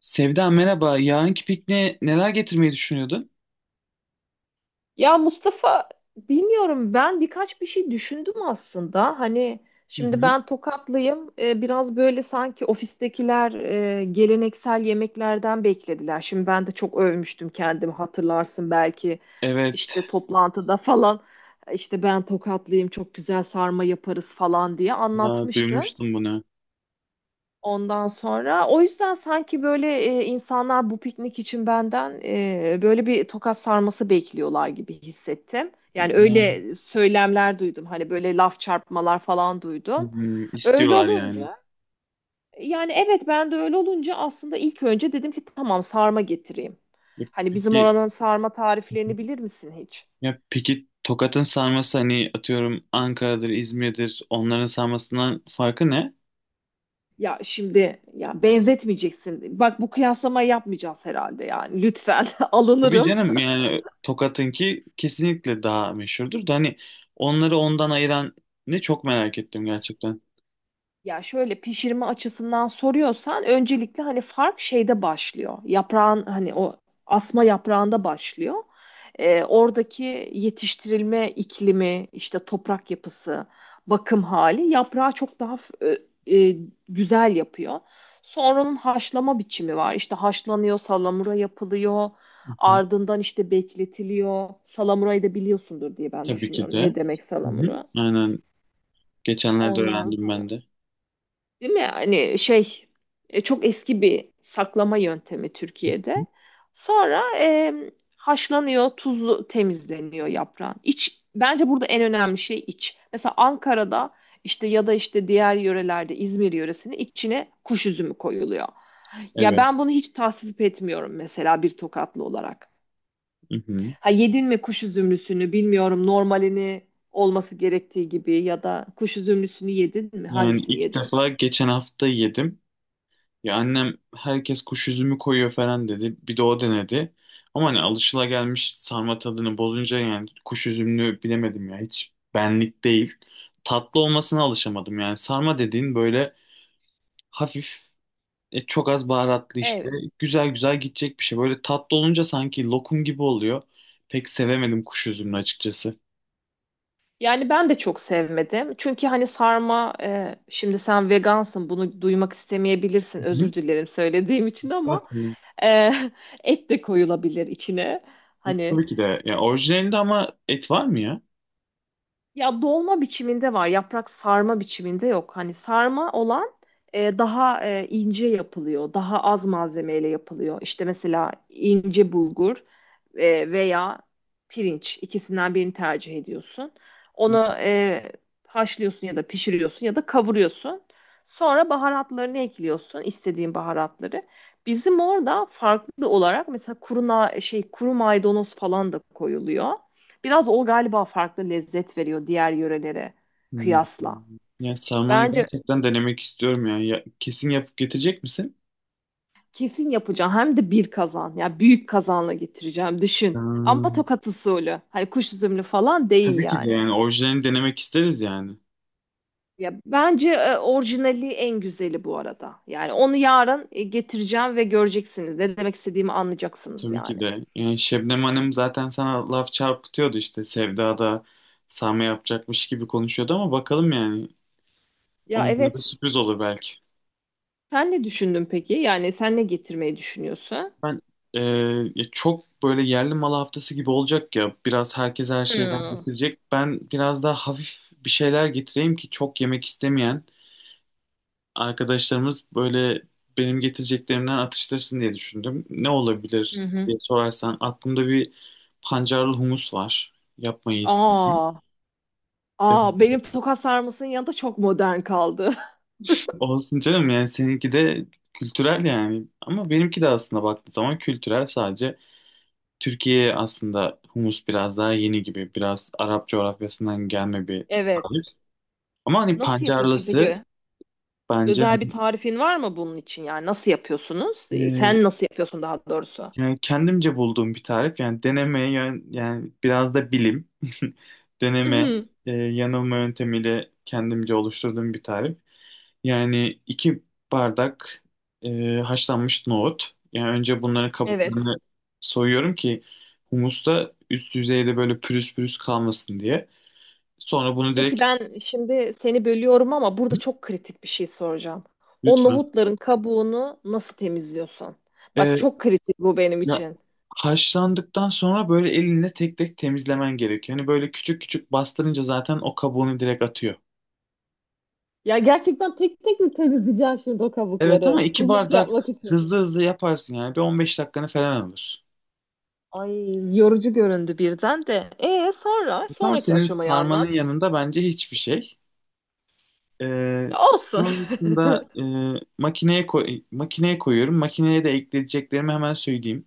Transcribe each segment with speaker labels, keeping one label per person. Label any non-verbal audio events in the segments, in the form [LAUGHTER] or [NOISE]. Speaker 1: Sevda merhaba. Yarınki pikniğe neler getirmeyi düşünüyordun?
Speaker 2: Ya Mustafa bilmiyorum ben birkaç bir şey düşündüm aslında. Hani
Speaker 1: Hı
Speaker 2: şimdi
Speaker 1: hı.
Speaker 2: ben Tokatlıyım. Biraz böyle sanki ofistekiler geleneksel yemeklerden beklediler. Şimdi ben de çok övmüştüm kendimi hatırlarsın belki işte
Speaker 1: Evet.
Speaker 2: toplantıda falan işte ben Tokatlıyım çok güzel sarma yaparız falan diye
Speaker 1: Ha,
Speaker 2: anlatmıştım.
Speaker 1: duymuştum bunu.
Speaker 2: Ondan sonra o yüzden sanki böyle insanlar bu piknik için benden böyle bir tokat sarması bekliyorlar gibi hissettim. Yani
Speaker 1: Ya,
Speaker 2: öyle söylemler duydum. Hani böyle laf çarpmalar falan duydum. Öyle
Speaker 1: istiyorlar yani.
Speaker 2: olunca yani evet ben de öyle olunca aslında ilk önce dedim ki tamam sarma getireyim.
Speaker 1: Ya
Speaker 2: Hani bizim
Speaker 1: Peki,
Speaker 2: oranın sarma tariflerini bilir misin hiç?
Speaker 1: ya peki, Tokat'ın sarması hani atıyorum Ankara'dır, İzmir'dir, onların sarmasından farkı ne?
Speaker 2: Ya şimdi ya benzetmeyeceksin. Bak bu kıyaslamayı yapmayacağız herhalde yani. Lütfen [LAUGHS]
Speaker 1: Tabii
Speaker 2: alınırım.
Speaker 1: canım, yani Tokat'ınki kesinlikle daha meşhurdur da hani onları ondan ayıran ne çok merak ettim gerçekten.
Speaker 2: Ya şöyle pişirme açısından soruyorsan öncelikle hani fark şeyde başlıyor. Yaprağın hani o asma yaprağında başlıyor. Oradaki yetiştirilme iklimi, işte toprak yapısı, bakım hali yaprağı çok daha e, e, güzel yapıyor. Sonranın haşlama biçimi var. İşte haşlanıyor, salamura yapılıyor.
Speaker 1: Hı hı.
Speaker 2: Ardından işte bekletiliyor. Salamurayı da biliyorsundur diye ben
Speaker 1: Tabii ki
Speaker 2: düşünüyorum.
Speaker 1: de.
Speaker 2: Ne demek
Speaker 1: Hı hı.
Speaker 2: salamura?
Speaker 1: Aynen. Geçenlerde
Speaker 2: Ondan
Speaker 1: öğrendim
Speaker 2: sonra.
Speaker 1: ben de.
Speaker 2: Değil mi? Hani şey çok eski bir saklama yöntemi Türkiye'de. Sonra haşlanıyor, tuzlu temizleniyor yaprağın. İç bence burada en önemli şey iç. Mesela Ankara'da işte ya da işte diğer yörelerde İzmir yöresinde içine kuş üzümü koyuluyor. Ya
Speaker 1: Evet.
Speaker 2: ben bunu hiç tasvip etmiyorum mesela bir Tokatlı olarak.
Speaker 1: Mhm.
Speaker 2: Ha yedin mi kuş üzümlüsünü bilmiyorum normalini olması gerektiği gibi ya da kuş üzümlüsünü yedin mi
Speaker 1: Yani
Speaker 2: hangisini
Speaker 1: ilk
Speaker 2: yedin?
Speaker 1: defa geçen hafta yedim. Ya annem herkes kuş üzümü koyuyor falan dedi. Bir de o denedi. Ama hani alışılagelmiş sarma tadını bozunca yani kuş üzümünü bilemedim ya. Hiç benlik değil. Tatlı olmasına alışamadım yani. Sarma dediğin böyle hafif, çok az baharatlı işte.
Speaker 2: Evet.
Speaker 1: Güzel güzel gidecek bir şey. Böyle tatlı olunca sanki lokum gibi oluyor. Pek sevemedim kuş üzümünü açıkçası.
Speaker 2: Yani ben de çok sevmedim. Çünkü hani sarma şimdi sen vegansın bunu duymak istemeyebilirsin. Özür dilerim söylediğim için ama
Speaker 1: Hı-hı.
Speaker 2: e, [LAUGHS] et de koyulabilir içine. Hani
Speaker 1: Tabii ki de. Ya orijinalinde ama et var mı ya?
Speaker 2: ya dolma biçiminde var, yaprak sarma biçiminde yok. Hani sarma olan daha ince yapılıyor, daha az malzemeyle yapılıyor. İşte mesela ince bulgur veya pirinç ikisinden birini tercih ediyorsun. Onu haşlıyorsun ya da pişiriyorsun ya da kavuruyorsun. Sonra baharatlarını ekliyorsun, istediğin baharatları. Bizim orada farklı olarak mesela kuru na- şey kuru maydanoz falan da koyuluyor. Biraz o galiba farklı lezzet veriyor diğer yörelere
Speaker 1: Hmm.
Speaker 2: kıyasla.
Speaker 1: Ya sarmayı
Speaker 2: Bence
Speaker 1: gerçekten denemek istiyorum yani. Ya kesin yapıp getirecek misin?
Speaker 2: kesin yapacağım. Hem de bir kazan. Ya yani büyük kazanla getireceğim. Düşün. Ama
Speaker 1: Hmm.
Speaker 2: tokat usulü. Hani kuş üzümlü falan değil
Speaker 1: Tabii ki de,
Speaker 2: yani.
Speaker 1: yani orijinalini denemek isteriz yani.
Speaker 2: Ya bence orijinali en güzeli bu arada. Yani onu yarın getireceğim ve göreceksiniz. Ne demek istediğimi anlayacaksınız
Speaker 1: Tabii ki
Speaker 2: yani.
Speaker 1: de. Yani Şebnem Hanım zaten sana laf çarpıtıyordu, işte Sevda da sarma yapacakmış gibi konuşuyordu ama bakalım yani.
Speaker 2: Ya
Speaker 1: Onlara da
Speaker 2: evet.
Speaker 1: sürpriz olur belki.
Speaker 2: Sen ne düşündün peki? Yani sen ne getirmeyi düşünüyorsun?
Speaker 1: Ben e, ya çok böyle yerli malı haftası gibi olacak ya. Biraz herkes her şeyden
Speaker 2: Hmm.
Speaker 1: getirecek. Ben biraz daha hafif bir şeyler getireyim ki çok yemek istemeyen arkadaşlarımız böyle benim getireceklerimden atıştırsın diye düşündüm. Ne
Speaker 2: Hı
Speaker 1: olabilir
Speaker 2: hı.
Speaker 1: diye sorarsan aklımda bir pancarlı humus var. Yapmayı istedim.
Speaker 2: Aa, aa, benim tokat sarmasının yanında çok modern kaldı. [LAUGHS]
Speaker 1: Olsun canım, yani seninki de kültürel yani. Ama benimki de aslında baktığı zaman kültürel sadece. Türkiye'ye aslında humus biraz daha yeni gibi. Biraz Arap coğrafyasından gelme bir
Speaker 2: Evet.
Speaker 1: tarif. Ama hani
Speaker 2: Nasıl yapıyorsun
Speaker 1: pancarlısı
Speaker 2: peki?
Speaker 1: bence
Speaker 2: Özel bir
Speaker 1: hani,
Speaker 2: tarifin var mı bunun için? Yani nasıl yapıyorsunuz?
Speaker 1: e,
Speaker 2: Sen nasıl yapıyorsun daha doğrusu?
Speaker 1: yani kendimce bulduğum bir tarif. Yani deneme yani biraz da bilim. [LAUGHS] Deneme
Speaker 2: Mhm.
Speaker 1: yanılma yöntemiyle kendimce oluşturduğum bir tarif. Yani iki bardak haşlanmış nohut. Yani önce bunların
Speaker 2: Evet.
Speaker 1: kabuklarını soyuyorum ki humusta üst yüzeyde böyle pürüz pürüz kalmasın diye. Sonra bunu
Speaker 2: Peki
Speaker 1: direkt.
Speaker 2: ben şimdi seni bölüyorum ama burada çok kritik bir şey soracağım. O
Speaker 1: Lütfen.
Speaker 2: nohutların kabuğunu nasıl temizliyorsun? Bak
Speaker 1: Ee,
Speaker 2: çok kritik bu benim
Speaker 1: ya,
Speaker 2: için.
Speaker 1: haşlandıktan sonra böyle elinle tek tek temizlemen gerekiyor. Hani böyle küçük küçük bastırınca zaten o kabuğunu direkt atıyor.
Speaker 2: Ya gerçekten tek tek mi temizleyeceksin şimdi o
Speaker 1: Evet ama
Speaker 2: kabukları?
Speaker 1: iki
Speaker 2: Humus
Speaker 1: bardak,
Speaker 2: yapmak için.
Speaker 1: hızlı hızlı yaparsın yani. Bir 15 dakikanı falan alır.
Speaker 2: Ay yorucu göründü birden de. E sonra
Speaker 1: Evet, ama
Speaker 2: sonraki
Speaker 1: senin
Speaker 2: aşamayı
Speaker 1: sarmanın
Speaker 2: anlat.
Speaker 1: yanında bence hiçbir şey. Ee,
Speaker 2: Ya olsun.
Speaker 1: sonrasında
Speaker 2: [LAUGHS]
Speaker 1: makineye koyuyorum. Makineye de ekleyeceklerimi hemen söyleyeyim.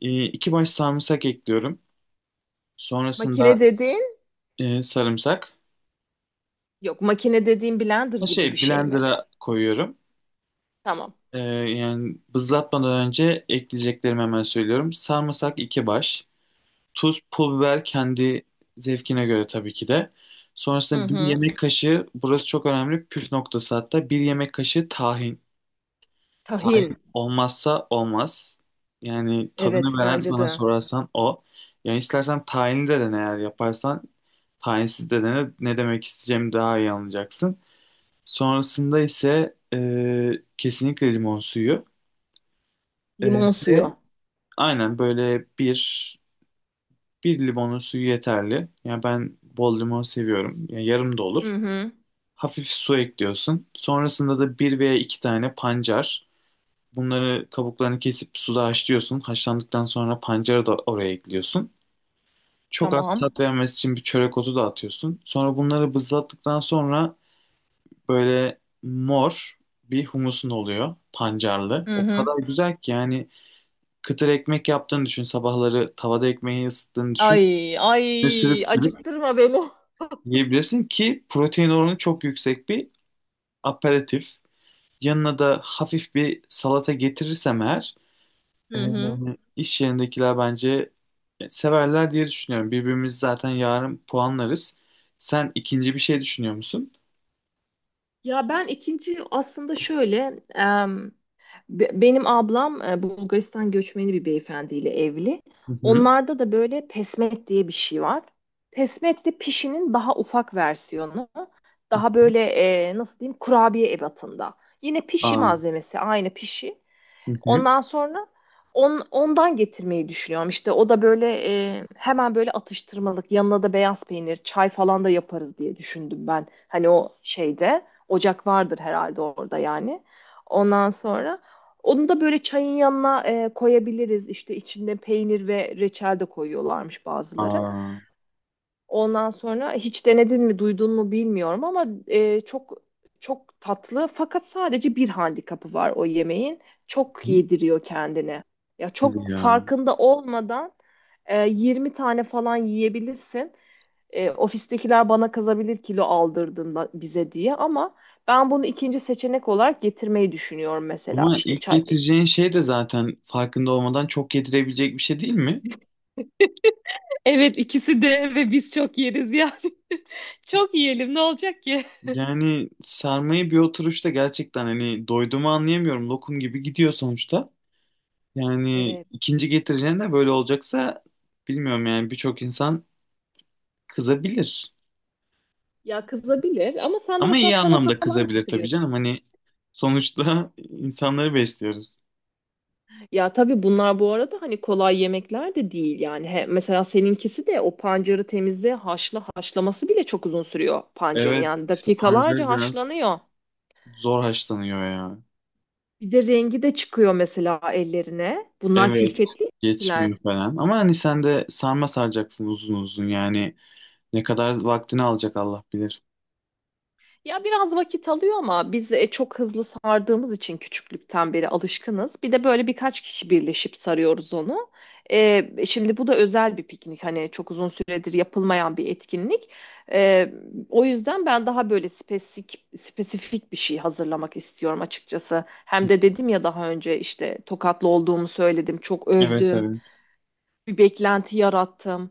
Speaker 1: İki baş sarımsak ekliyorum. Sonrasında
Speaker 2: Makine dediğin
Speaker 1: sarımsak.
Speaker 2: yok, makine dediğin blender
Speaker 1: Ha,
Speaker 2: gibi bir şey mi?
Speaker 1: Blender'a koyuyorum.
Speaker 2: Tamam.
Speaker 1: Yani bızlatmadan önce ekleyeceklerimi hemen söylüyorum. Sarımsak iki baş. Tuz, pul biber kendi zevkine göre, tabii ki de.
Speaker 2: Hı
Speaker 1: Sonrasında bir
Speaker 2: hı.
Speaker 1: yemek kaşığı, burası çok önemli püf noktası hatta. Bir yemek kaşığı tahin. Tahin
Speaker 2: Tahin.
Speaker 1: olmazsa olmaz. Yani tadını
Speaker 2: Evet
Speaker 1: veren,
Speaker 2: bence
Speaker 1: bana
Speaker 2: de.
Speaker 1: sorarsan, o. Yani istersen tahinli de dene eğer yaparsan. Tahinsiz de dene. Ne demek isteyeceğimi daha iyi anlayacaksın. Sonrasında ise kesinlikle limon suyu. E,
Speaker 2: Limon
Speaker 1: ve
Speaker 2: suyu.
Speaker 1: aynen böyle bir limonun suyu yeterli. Yani ben bol limon seviyorum. Yani yarım da olur.
Speaker 2: Hı hı.
Speaker 1: Hafif su ekliyorsun. Sonrasında da bir veya iki tane pancar. Bunları kabuklarını kesip suda haşlıyorsun. Haşlandıktan sonra pancarı da oraya ekliyorsun. Çok az
Speaker 2: Tamam.
Speaker 1: tat vermesi için bir çörek otu da atıyorsun. Sonra bunları bızlattıktan sonra böyle mor bir humusun oluyor, pancarlı.
Speaker 2: Hı
Speaker 1: O
Speaker 2: hı.
Speaker 1: kadar güzel ki yani kıtır ekmek yaptığını düşün. Sabahları tavada ekmeği ısıttığını düşün.
Speaker 2: Ay
Speaker 1: Ne
Speaker 2: ay
Speaker 1: sürüp sürüp
Speaker 2: acıktırma beni.
Speaker 1: yiyebilirsin ki, protein oranı çok yüksek bir aperatif. Yanına da hafif bir salata getirirsem eğer, e,
Speaker 2: Hı hı.
Speaker 1: iş yerindekiler bence severler diye düşünüyorum. Birbirimizi zaten yarın puanlarız. Sen ikinci bir şey düşünüyor musun?
Speaker 2: Ya ben ikinci aslında şöyle benim ablam Bulgaristan göçmeni bir beyefendiyle evli.
Speaker 1: Hı hı.
Speaker 2: Onlarda da böyle pesmet diye bir şey var. Pesmet de pişinin daha ufak versiyonu. Daha böyle nasıl diyeyim kurabiye ebatında. Yine pişi
Speaker 1: Aa.
Speaker 2: malzemesi aynı pişi.
Speaker 1: Hı hı.
Speaker 2: Ondan sonra ondan getirmeyi düşünüyorum. İşte o da böyle hemen böyle atıştırmalık yanına da beyaz peynir, çay falan da yaparız diye düşündüm ben. Hani o şeyde ocak vardır herhalde orada yani. Ondan sonra onu da böyle çayın yanına koyabiliriz. İşte içinde peynir ve reçel de koyuyorlarmış bazıları.
Speaker 1: Aa.
Speaker 2: Ondan sonra hiç denedin mi, duydun mu bilmiyorum ama çok çok tatlı fakat sadece bir handikapı var o yemeğin. Çok
Speaker 1: Hı.
Speaker 2: yediriyor kendini. Ya
Speaker 1: Hadi
Speaker 2: çok
Speaker 1: ya.
Speaker 2: farkında olmadan 20 tane falan yiyebilirsin. E, ofistekiler bana kazabilir kilo aldırdın bize diye ama ben bunu ikinci seçenek olarak getirmeyi düşünüyorum mesela
Speaker 1: Ama
Speaker 2: işte
Speaker 1: ilk
Speaker 2: çay.
Speaker 1: getireceğin şey de zaten farkında olmadan çok getirebilecek bir şey değil mi?
Speaker 2: Evet ikisi de ve biz çok yeriz yani. [LAUGHS] Çok yiyelim ne olacak ki?
Speaker 1: Yani sarmayı bir oturuşta gerçekten hani doyduğumu anlayamıyorum. Lokum gibi gidiyor sonuçta. Yani
Speaker 2: Evet.
Speaker 1: ikinci getireceğin de böyle olacaksa, bilmiyorum yani, birçok insan kızabilir.
Speaker 2: Ya kızabilir ama sen de
Speaker 1: Ama
Speaker 2: mesela
Speaker 1: iyi
Speaker 2: salata
Speaker 1: anlamda
Speaker 2: falan
Speaker 1: kızabilir tabii canım.
Speaker 2: getiriyorsun.
Speaker 1: Hani sonuçta [LAUGHS] insanları besliyoruz.
Speaker 2: Ya tabii bunlar bu arada hani kolay yemekler de değil yani. He, mesela seninkisi de o pancarı temizle haşla haşlaması bile çok uzun sürüyor pancarın.
Speaker 1: Evet,
Speaker 2: Yani dakikalarca
Speaker 1: pancar biraz
Speaker 2: haşlanıyor.
Speaker 1: zor haşlanıyor ya.
Speaker 2: Bir de rengi de çıkıyor mesela ellerine. Bunlar
Speaker 1: Evet,
Speaker 2: külfetli yemekler.
Speaker 1: geçmiyor falan. Ama hani sen de sarma saracaksın uzun uzun yani. Ne kadar vaktini alacak Allah bilir.
Speaker 2: Ya biraz vakit alıyor ama biz çok hızlı sardığımız için küçüklükten beri alışkınız. Bir de böyle birkaç kişi birleşip sarıyoruz onu. Şimdi bu da özel bir piknik. Hani çok uzun süredir yapılmayan bir etkinlik. E, O yüzden ben daha böyle spesifik, spesifik bir şey hazırlamak istiyorum açıkçası. Hem de dedim ya daha önce işte Tokatlı olduğumu söyledim. Çok
Speaker 1: Evet,
Speaker 2: övdüm.
Speaker 1: evet.
Speaker 2: Bir beklenti yarattım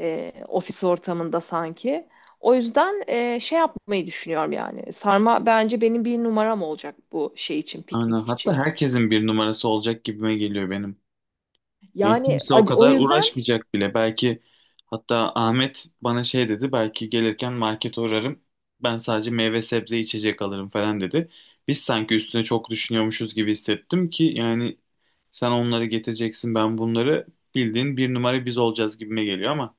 Speaker 2: ofis ortamında sanki. O yüzden şey yapmayı düşünüyorum yani. Sarma bence benim bir numaram olacak bu şey için,
Speaker 1: Aynen.
Speaker 2: piknik
Speaker 1: Hatta
Speaker 2: için.
Speaker 1: herkesin bir numarası olacak gibime geliyor benim. Yani
Speaker 2: Yani
Speaker 1: kimse o
Speaker 2: o
Speaker 1: kadar
Speaker 2: yüzden
Speaker 1: uğraşmayacak bile. Belki hatta Ahmet bana şey dedi. Belki gelirken market uğrarım. Ben sadece meyve, sebze, içecek alırım falan dedi. Biz sanki üstüne çok düşünüyormuşuz gibi hissettim ki, yani sen onları getireceksin, ben bunları, bildiğin bir numara biz olacağız gibime geliyor ama.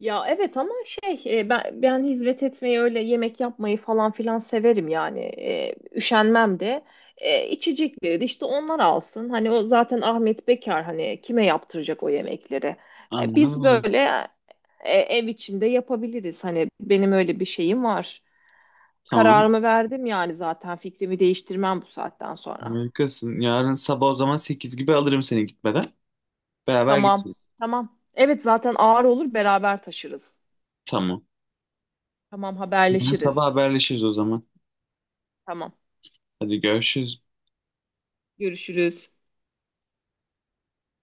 Speaker 2: ya evet ama şey ben hizmet etmeyi öyle yemek yapmayı falan filan severim yani. E, üşenmem de. İçecekleri de işte onlar alsın. Hani o zaten Ahmet Bekar hani kime yaptıracak o yemekleri?
Speaker 1: Aynen
Speaker 2: Biz
Speaker 1: öyle.
Speaker 2: böyle ev içinde yapabiliriz. Hani benim öyle bir şeyim var.
Speaker 1: Tamam.
Speaker 2: Kararımı verdim yani zaten fikrimi değiştirmem bu saatten sonra.
Speaker 1: Harikasın. Yarın sabah o zaman 8 gibi alırım seni gitmeden. Beraber
Speaker 2: Tamam.
Speaker 1: gideceğiz.
Speaker 2: Tamam. Evet zaten ağır olur beraber taşırız.
Speaker 1: Tamam.
Speaker 2: Tamam
Speaker 1: Yarın sabah
Speaker 2: haberleşiriz.
Speaker 1: haberleşiriz o zaman.
Speaker 2: Tamam.
Speaker 1: Hadi görüşürüz.
Speaker 2: Görüşürüz.